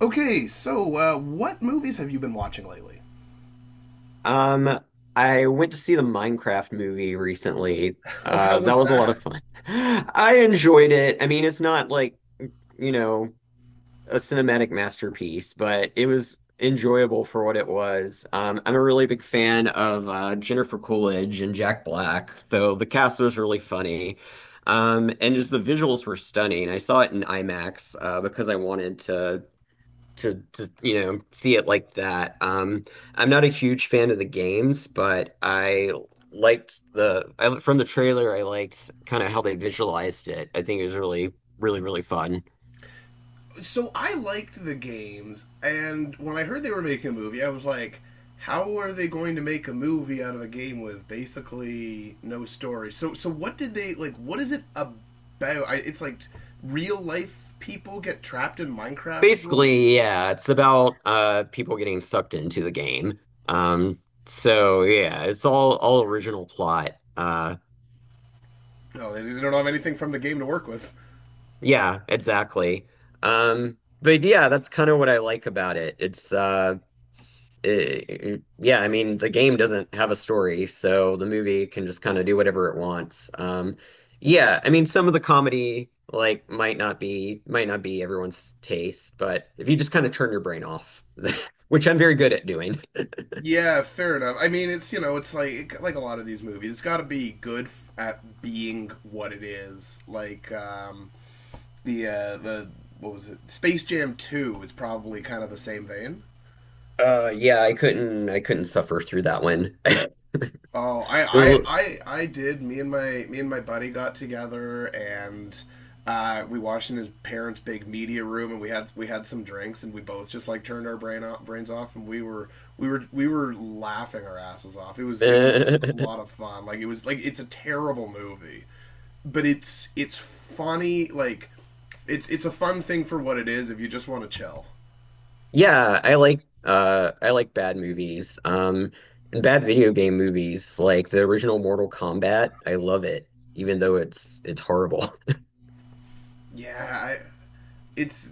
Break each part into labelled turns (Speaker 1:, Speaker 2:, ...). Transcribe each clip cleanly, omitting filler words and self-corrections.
Speaker 1: Okay, so what movies have you been watching lately?
Speaker 2: Um, I went to see the Minecraft movie recently.
Speaker 1: Oh, how
Speaker 2: That
Speaker 1: was
Speaker 2: was a lot
Speaker 1: that?
Speaker 2: of fun. I enjoyed it. I mean, it's not like, you know, a cinematic masterpiece, but it was enjoyable for what it was. I'm a really big fan of Jennifer Coolidge and Jack Black, so the cast was really funny. And just the visuals were stunning. I saw it in IMAX because I wanted to see it like that. I'm not a huge fan of the games, but I liked the I from the trailer. I liked kind of how they visualized it. I think it was really fun.
Speaker 1: So I liked the games, and when I heard they were making a movie, I was like, how are they going to make a movie out of a game with basically no story? So what did they like? What is it about? It's like real life people get trapped in Minecraft world.
Speaker 2: Basically, yeah, it's about people getting sucked into the game. Um, so yeah, it's all original plot.
Speaker 1: No, they don't have anything from the game to work with.
Speaker 2: Yeah, exactly. But yeah, that's kind of what I like about it. It's yeah, I mean, the game doesn't have a story, so the movie can just kind of do whatever it wants. Yeah, I mean, some of the comedy like might not be everyone's taste, but if you just kind of turn your brain off, which I'm very good at doing.
Speaker 1: Yeah, fair enough. I mean, it's it's like a lot of these movies. It's got to be good at being what it is. Like the what was it? Space Jam Two is probably kind of the same vein.
Speaker 2: Yeah, I couldn't suffer through that one.
Speaker 1: Oh,
Speaker 2: It was
Speaker 1: I did. Me and my buddy got together and we watched in his parents' big media room and we had some drinks and we both just like turned our brain off, brains off and we were laughing our asses off.
Speaker 2: a
Speaker 1: It was a
Speaker 2: little-
Speaker 1: lot of fun. Like it was like it's a terrible movie, but it's funny. Like it's a fun thing for what it is if you just want to chill.
Speaker 2: Yeah, I like bad movies. And bad video game movies like the original Mortal Kombat. I love it even though it's horrible.
Speaker 1: Yeah, I it's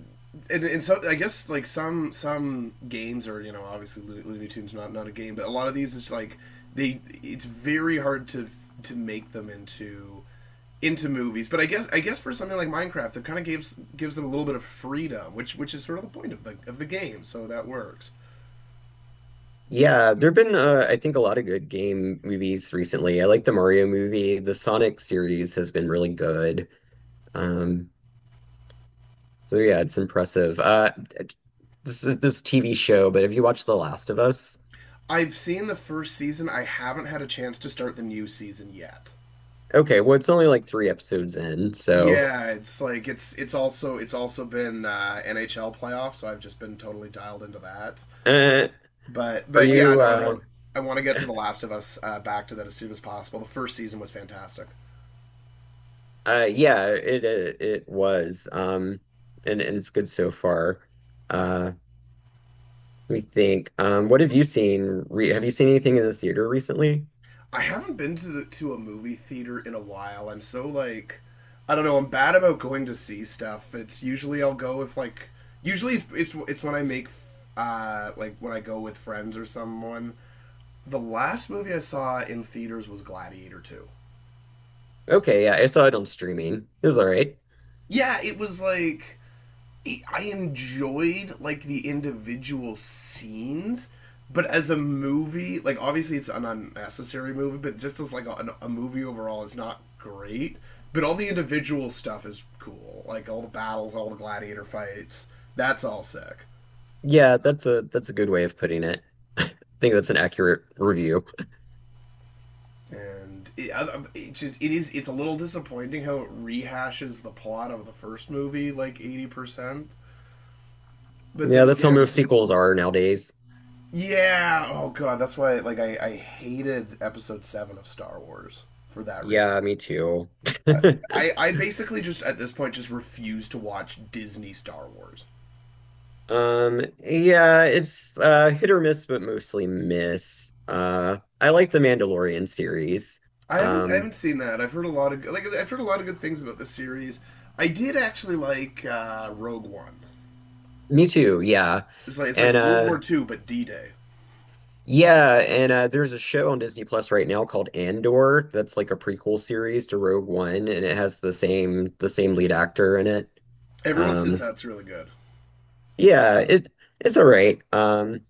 Speaker 1: and so I guess like some games are obviously Looney Tunes, not a game, but a lot of these is like they it's very hard to make them into movies. But I guess for something like Minecraft, it kind of gives them a little bit of freedom, which is sort of the point of the game. So that works.
Speaker 2: Yeah, there've been I think a lot of good game movies recently. I like the Mario movie. The Sonic series has been really good. Um so yeah, it's impressive. This is this TV show, but have you watched The Last of Us?
Speaker 1: I've seen the first season. I haven't had a chance to start the new season yet.
Speaker 2: Okay, well it's only like three episodes in, so
Speaker 1: Yeah, it's like it's also been NHL playoffs, so I've just been totally dialed into that.
Speaker 2: uh
Speaker 1: But
Speaker 2: are
Speaker 1: but yeah,
Speaker 2: you
Speaker 1: no, I want to get to The Last of Us, back to that as soon as possible. The first season was fantastic.
Speaker 2: Yeah, it was. And it's good so far. Uh, Let me think. What have you seen? Re Have you seen anything in the theater recently?
Speaker 1: I haven't been to to a movie theater in a while. I'm so like I don't know. I'm bad about going to see stuff. It's usually I'll go if like usually it's when I make like when I go with friends or someone. The last movie I saw in theaters was Gladiator 2.
Speaker 2: Okay, yeah, I saw it on streaming. It was all right.
Speaker 1: Yeah, it was like I enjoyed like the individual scenes, but as a movie, like obviously it's an unnecessary movie, but just as like a movie overall, it's not great. But all the individual stuff is cool, like all the battles, all the gladiator fights. That's all sick,
Speaker 2: Yeah, that's a good way of putting it. I think that's an accurate review.
Speaker 1: and it just it's a little disappointing how it rehashes the plot of the first movie like 80%. But
Speaker 2: Yeah,
Speaker 1: then
Speaker 2: that's how
Speaker 1: again,
Speaker 2: most sequels are nowadays.
Speaker 1: yeah. Oh god, that's why. Like, I hated Episode Seven of Star Wars for that reason.
Speaker 2: Yeah, me too.
Speaker 1: I, I basically just at this point just refuse to watch Disney Star Wars.
Speaker 2: Yeah, it's hit or miss, but mostly miss. I like the Mandalorian series.
Speaker 1: I
Speaker 2: Um,
Speaker 1: haven't seen that. I've heard a lot of like I've heard a lot of good things about this series. I did actually like Rogue One.
Speaker 2: Me too, yeah.
Speaker 1: It's like
Speaker 2: And
Speaker 1: World War Two but D Day.
Speaker 2: yeah, and there's a show on Disney Plus right now called Andor that's like a prequel series to Rogue One and it has the same lead actor in it.
Speaker 1: Everyone says
Speaker 2: Um
Speaker 1: that's really good.
Speaker 2: yeah, it it's all right.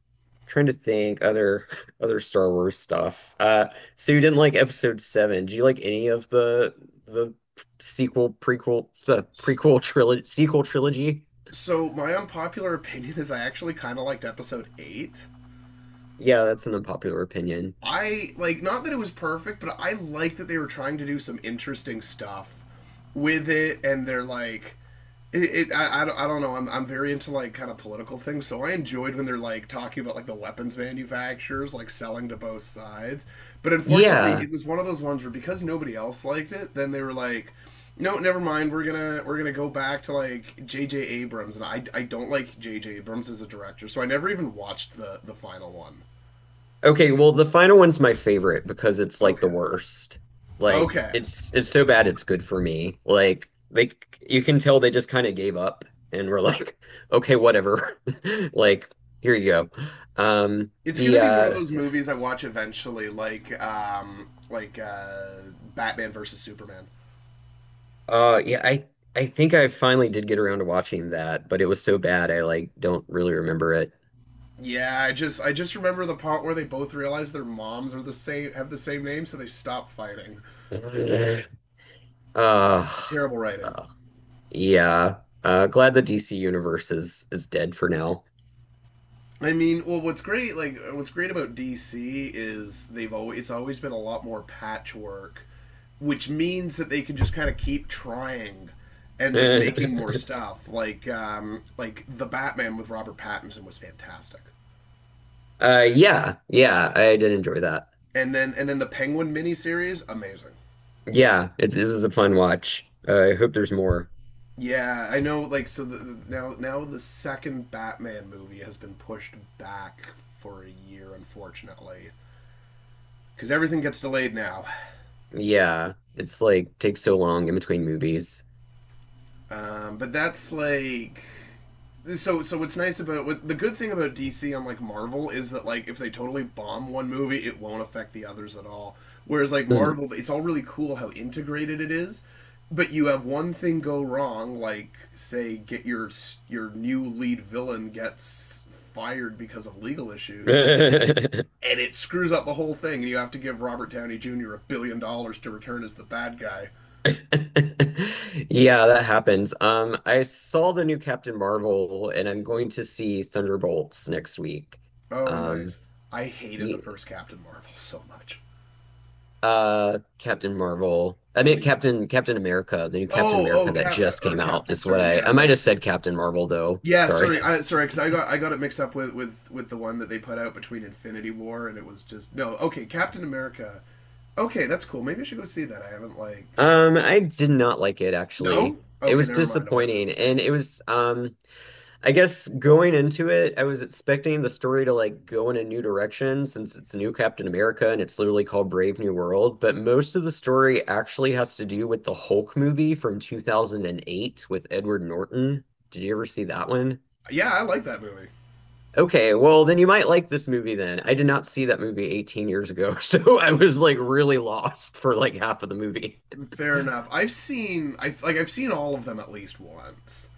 Speaker 2: Trying to think other other Star Wars stuff. So you didn't like episode 7. Do you like any of the sequel prequel the prequel trilogy sequel trilogy?
Speaker 1: So my unpopular opinion is I actually kind of liked Episode Eight.
Speaker 2: Yeah, that's an unpopular opinion.
Speaker 1: I like not that it was perfect, but I like that they were trying to do some interesting stuff with it, and they're like, it. It I don't know. I'm very into like kind of political things, so I enjoyed when they're like talking about like the weapons manufacturers like selling to both sides. But unfortunately,
Speaker 2: Yeah.
Speaker 1: it was one of those ones where because nobody else liked it, then they were like. No, never mind. We're gonna go back to like J J Abrams, and I don't like J J Abrams as a director, so I never even watched the final one.
Speaker 2: Okay, well, the final one's my favorite because it's like
Speaker 1: Okay.
Speaker 2: the worst. Like
Speaker 1: Okay.
Speaker 2: it's so bad it's good for me. Like they you can tell they just kind of gave up and were like, okay, whatever. Like here you go.
Speaker 1: It's
Speaker 2: The
Speaker 1: gonna be one of those movies I watch eventually, like Batman versus Superman.
Speaker 2: Yeah, I think I finally did get around to watching that, but it was so bad I like don't really remember it.
Speaker 1: Yeah, I just remember the part where they both realize their moms are the same have the same name, so they stop fighting.
Speaker 2: Uh,
Speaker 1: Terrible writing.
Speaker 2: uh yeah. Glad the DC universe is dead for now.
Speaker 1: I mean, well, what's great about DC is they've always it's always been a lot more patchwork, which means that they can just kind of keep trying and just making more stuff. Like the Batman with Robert Pattinson was fantastic.
Speaker 2: Yeah, yeah, I did enjoy that.
Speaker 1: And then the Penguin miniseries, amazing.
Speaker 2: Yeah, it was a fun watch. I hope there's more.
Speaker 1: Yeah, I know. Like, now the second Batman movie has been pushed back for a year, unfortunately, because everything gets delayed now.
Speaker 2: Yeah, it's like takes so long in between movies.
Speaker 1: But that's like. So what's nice about the good thing about DC, unlike Marvel, is that like if they totally bomb one movie, it won't affect the others at all. Whereas like
Speaker 2: Mm.
Speaker 1: Marvel, it's all really cool how integrated it is, but you have one thing go wrong, like say get your new lead villain gets fired because of legal issues, and it screws up the whole thing, and you have to give Robert Downey Jr. a billion dollars to return as the bad guy.
Speaker 2: Yeah, that happens. I saw the new Captain Marvel, and I'm going to see Thunderbolts next week.
Speaker 1: Oh,
Speaker 2: Um,
Speaker 1: nice! I hated the
Speaker 2: ye-
Speaker 1: first Captain Marvel so much.
Speaker 2: Captain Marvel. I mean,
Speaker 1: Like,
Speaker 2: Captain America, the new Captain
Speaker 1: oh, oh,
Speaker 2: America that
Speaker 1: cap
Speaker 2: just
Speaker 1: or
Speaker 2: came out
Speaker 1: captain.
Speaker 2: is what
Speaker 1: Sorry, yeah,
Speaker 2: I might
Speaker 1: like
Speaker 2: have said Captain Marvel though.
Speaker 1: yeah.
Speaker 2: Sorry.
Speaker 1: Sorry, I sorry because I got it mixed up with with the one that they put out between Infinity War and it was just no. Okay, Captain America. Okay, that's cool. Maybe I should go see that. I haven't like
Speaker 2: I did not like it
Speaker 1: no.
Speaker 2: actually. It
Speaker 1: Okay,
Speaker 2: was
Speaker 1: never mind. I'll wait for the
Speaker 2: disappointing, and
Speaker 1: stream.
Speaker 2: it was I guess going into it, I was expecting the story to like go in a new direction since it's new Captain America and it's literally called Brave New World, but most of the story actually has to do with the Hulk movie from 2008 with Edward Norton. Did you ever see that one?
Speaker 1: Yeah, I like that movie.
Speaker 2: Okay, well then you might like this movie then. I did not see that movie 18 years ago, so I was like really lost for like half of the movie.
Speaker 1: Fair enough. I've seen all of them at least once.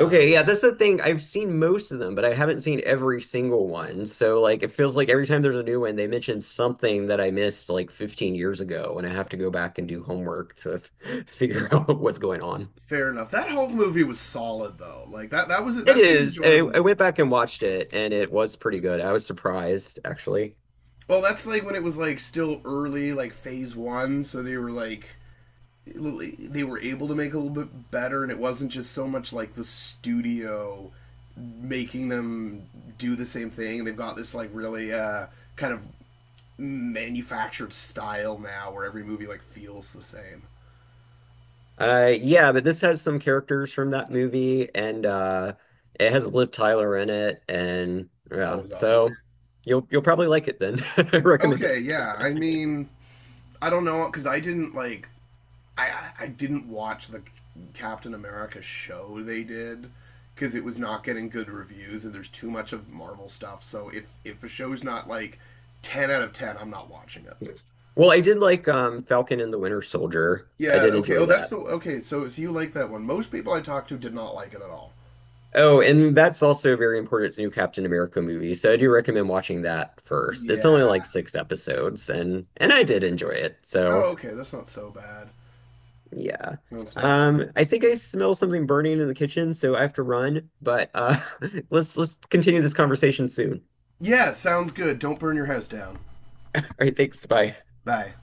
Speaker 2: Okay, yeah, that's the thing. I've seen most of them, but I haven't seen every single one. So like it feels like every time there's a new one, they mention something that I missed like 15 years ago, and I have to go back and do homework to f- figure out what's going on.
Speaker 1: fair enough. That whole movie was solid though. Like
Speaker 2: It
Speaker 1: that's an
Speaker 2: is.
Speaker 1: enjoyable
Speaker 2: I
Speaker 1: movie.
Speaker 2: went back and watched it, and it was pretty good. I was surprised, actually.
Speaker 1: Well, that's like when it was like still early, like phase one, so they were like they were able to make a little bit better, and it wasn't just so much like the studio making them do the same thing. They've got this like really kind of manufactured style now, where every movie like feels the same.
Speaker 2: Yeah, but this has some characters from that movie, and it has Liv Tyler in it, and yeah,
Speaker 1: Always awesome.
Speaker 2: so you'll probably like it then. I recommend
Speaker 1: Okay,
Speaker 2: it.
Speaker 1: yeah. I mean, I don't know because I didn't watch the Captain America show they did because it was not getting good reviews and there's too much of Marvel stuff. So if a show's not like 10 out of 10, I'm not watching it.
Speaker 2: Well, I did like Falcon and the Winter Soldier. I
Speaker 1: Yeah,
Speaker 2: did
Speaker 1: okay. Oh,
Speaker 2: enjoy
Speaker 1: that's
Speaker 2: that.
Speaker 1: the okay. So you like that one. Most people I talked to did not like it at all.
Speaker 2: Oh, and that's also very important. It's a new Captain America movie, so I do recommend watching that first. It's
Speaker 1: Yeah.
Speaker 2: only like six episodes, and I did enjoy it.
Speaker 1: Oh,
Speaker 2: So
Speaker 1: okay. That's not so bad.
Speaker 2: yeah,
Speaker 1: No, it's not. So...
Speaker 2: I think I smell something burning in the kitchen, so I have to run. But let's continue this conversation soon.
Speaker 1: Yeah, sounds good. Don't burn your house down.
Speaker 2: All right, thanks. Bye.
Speaker 1: Bye.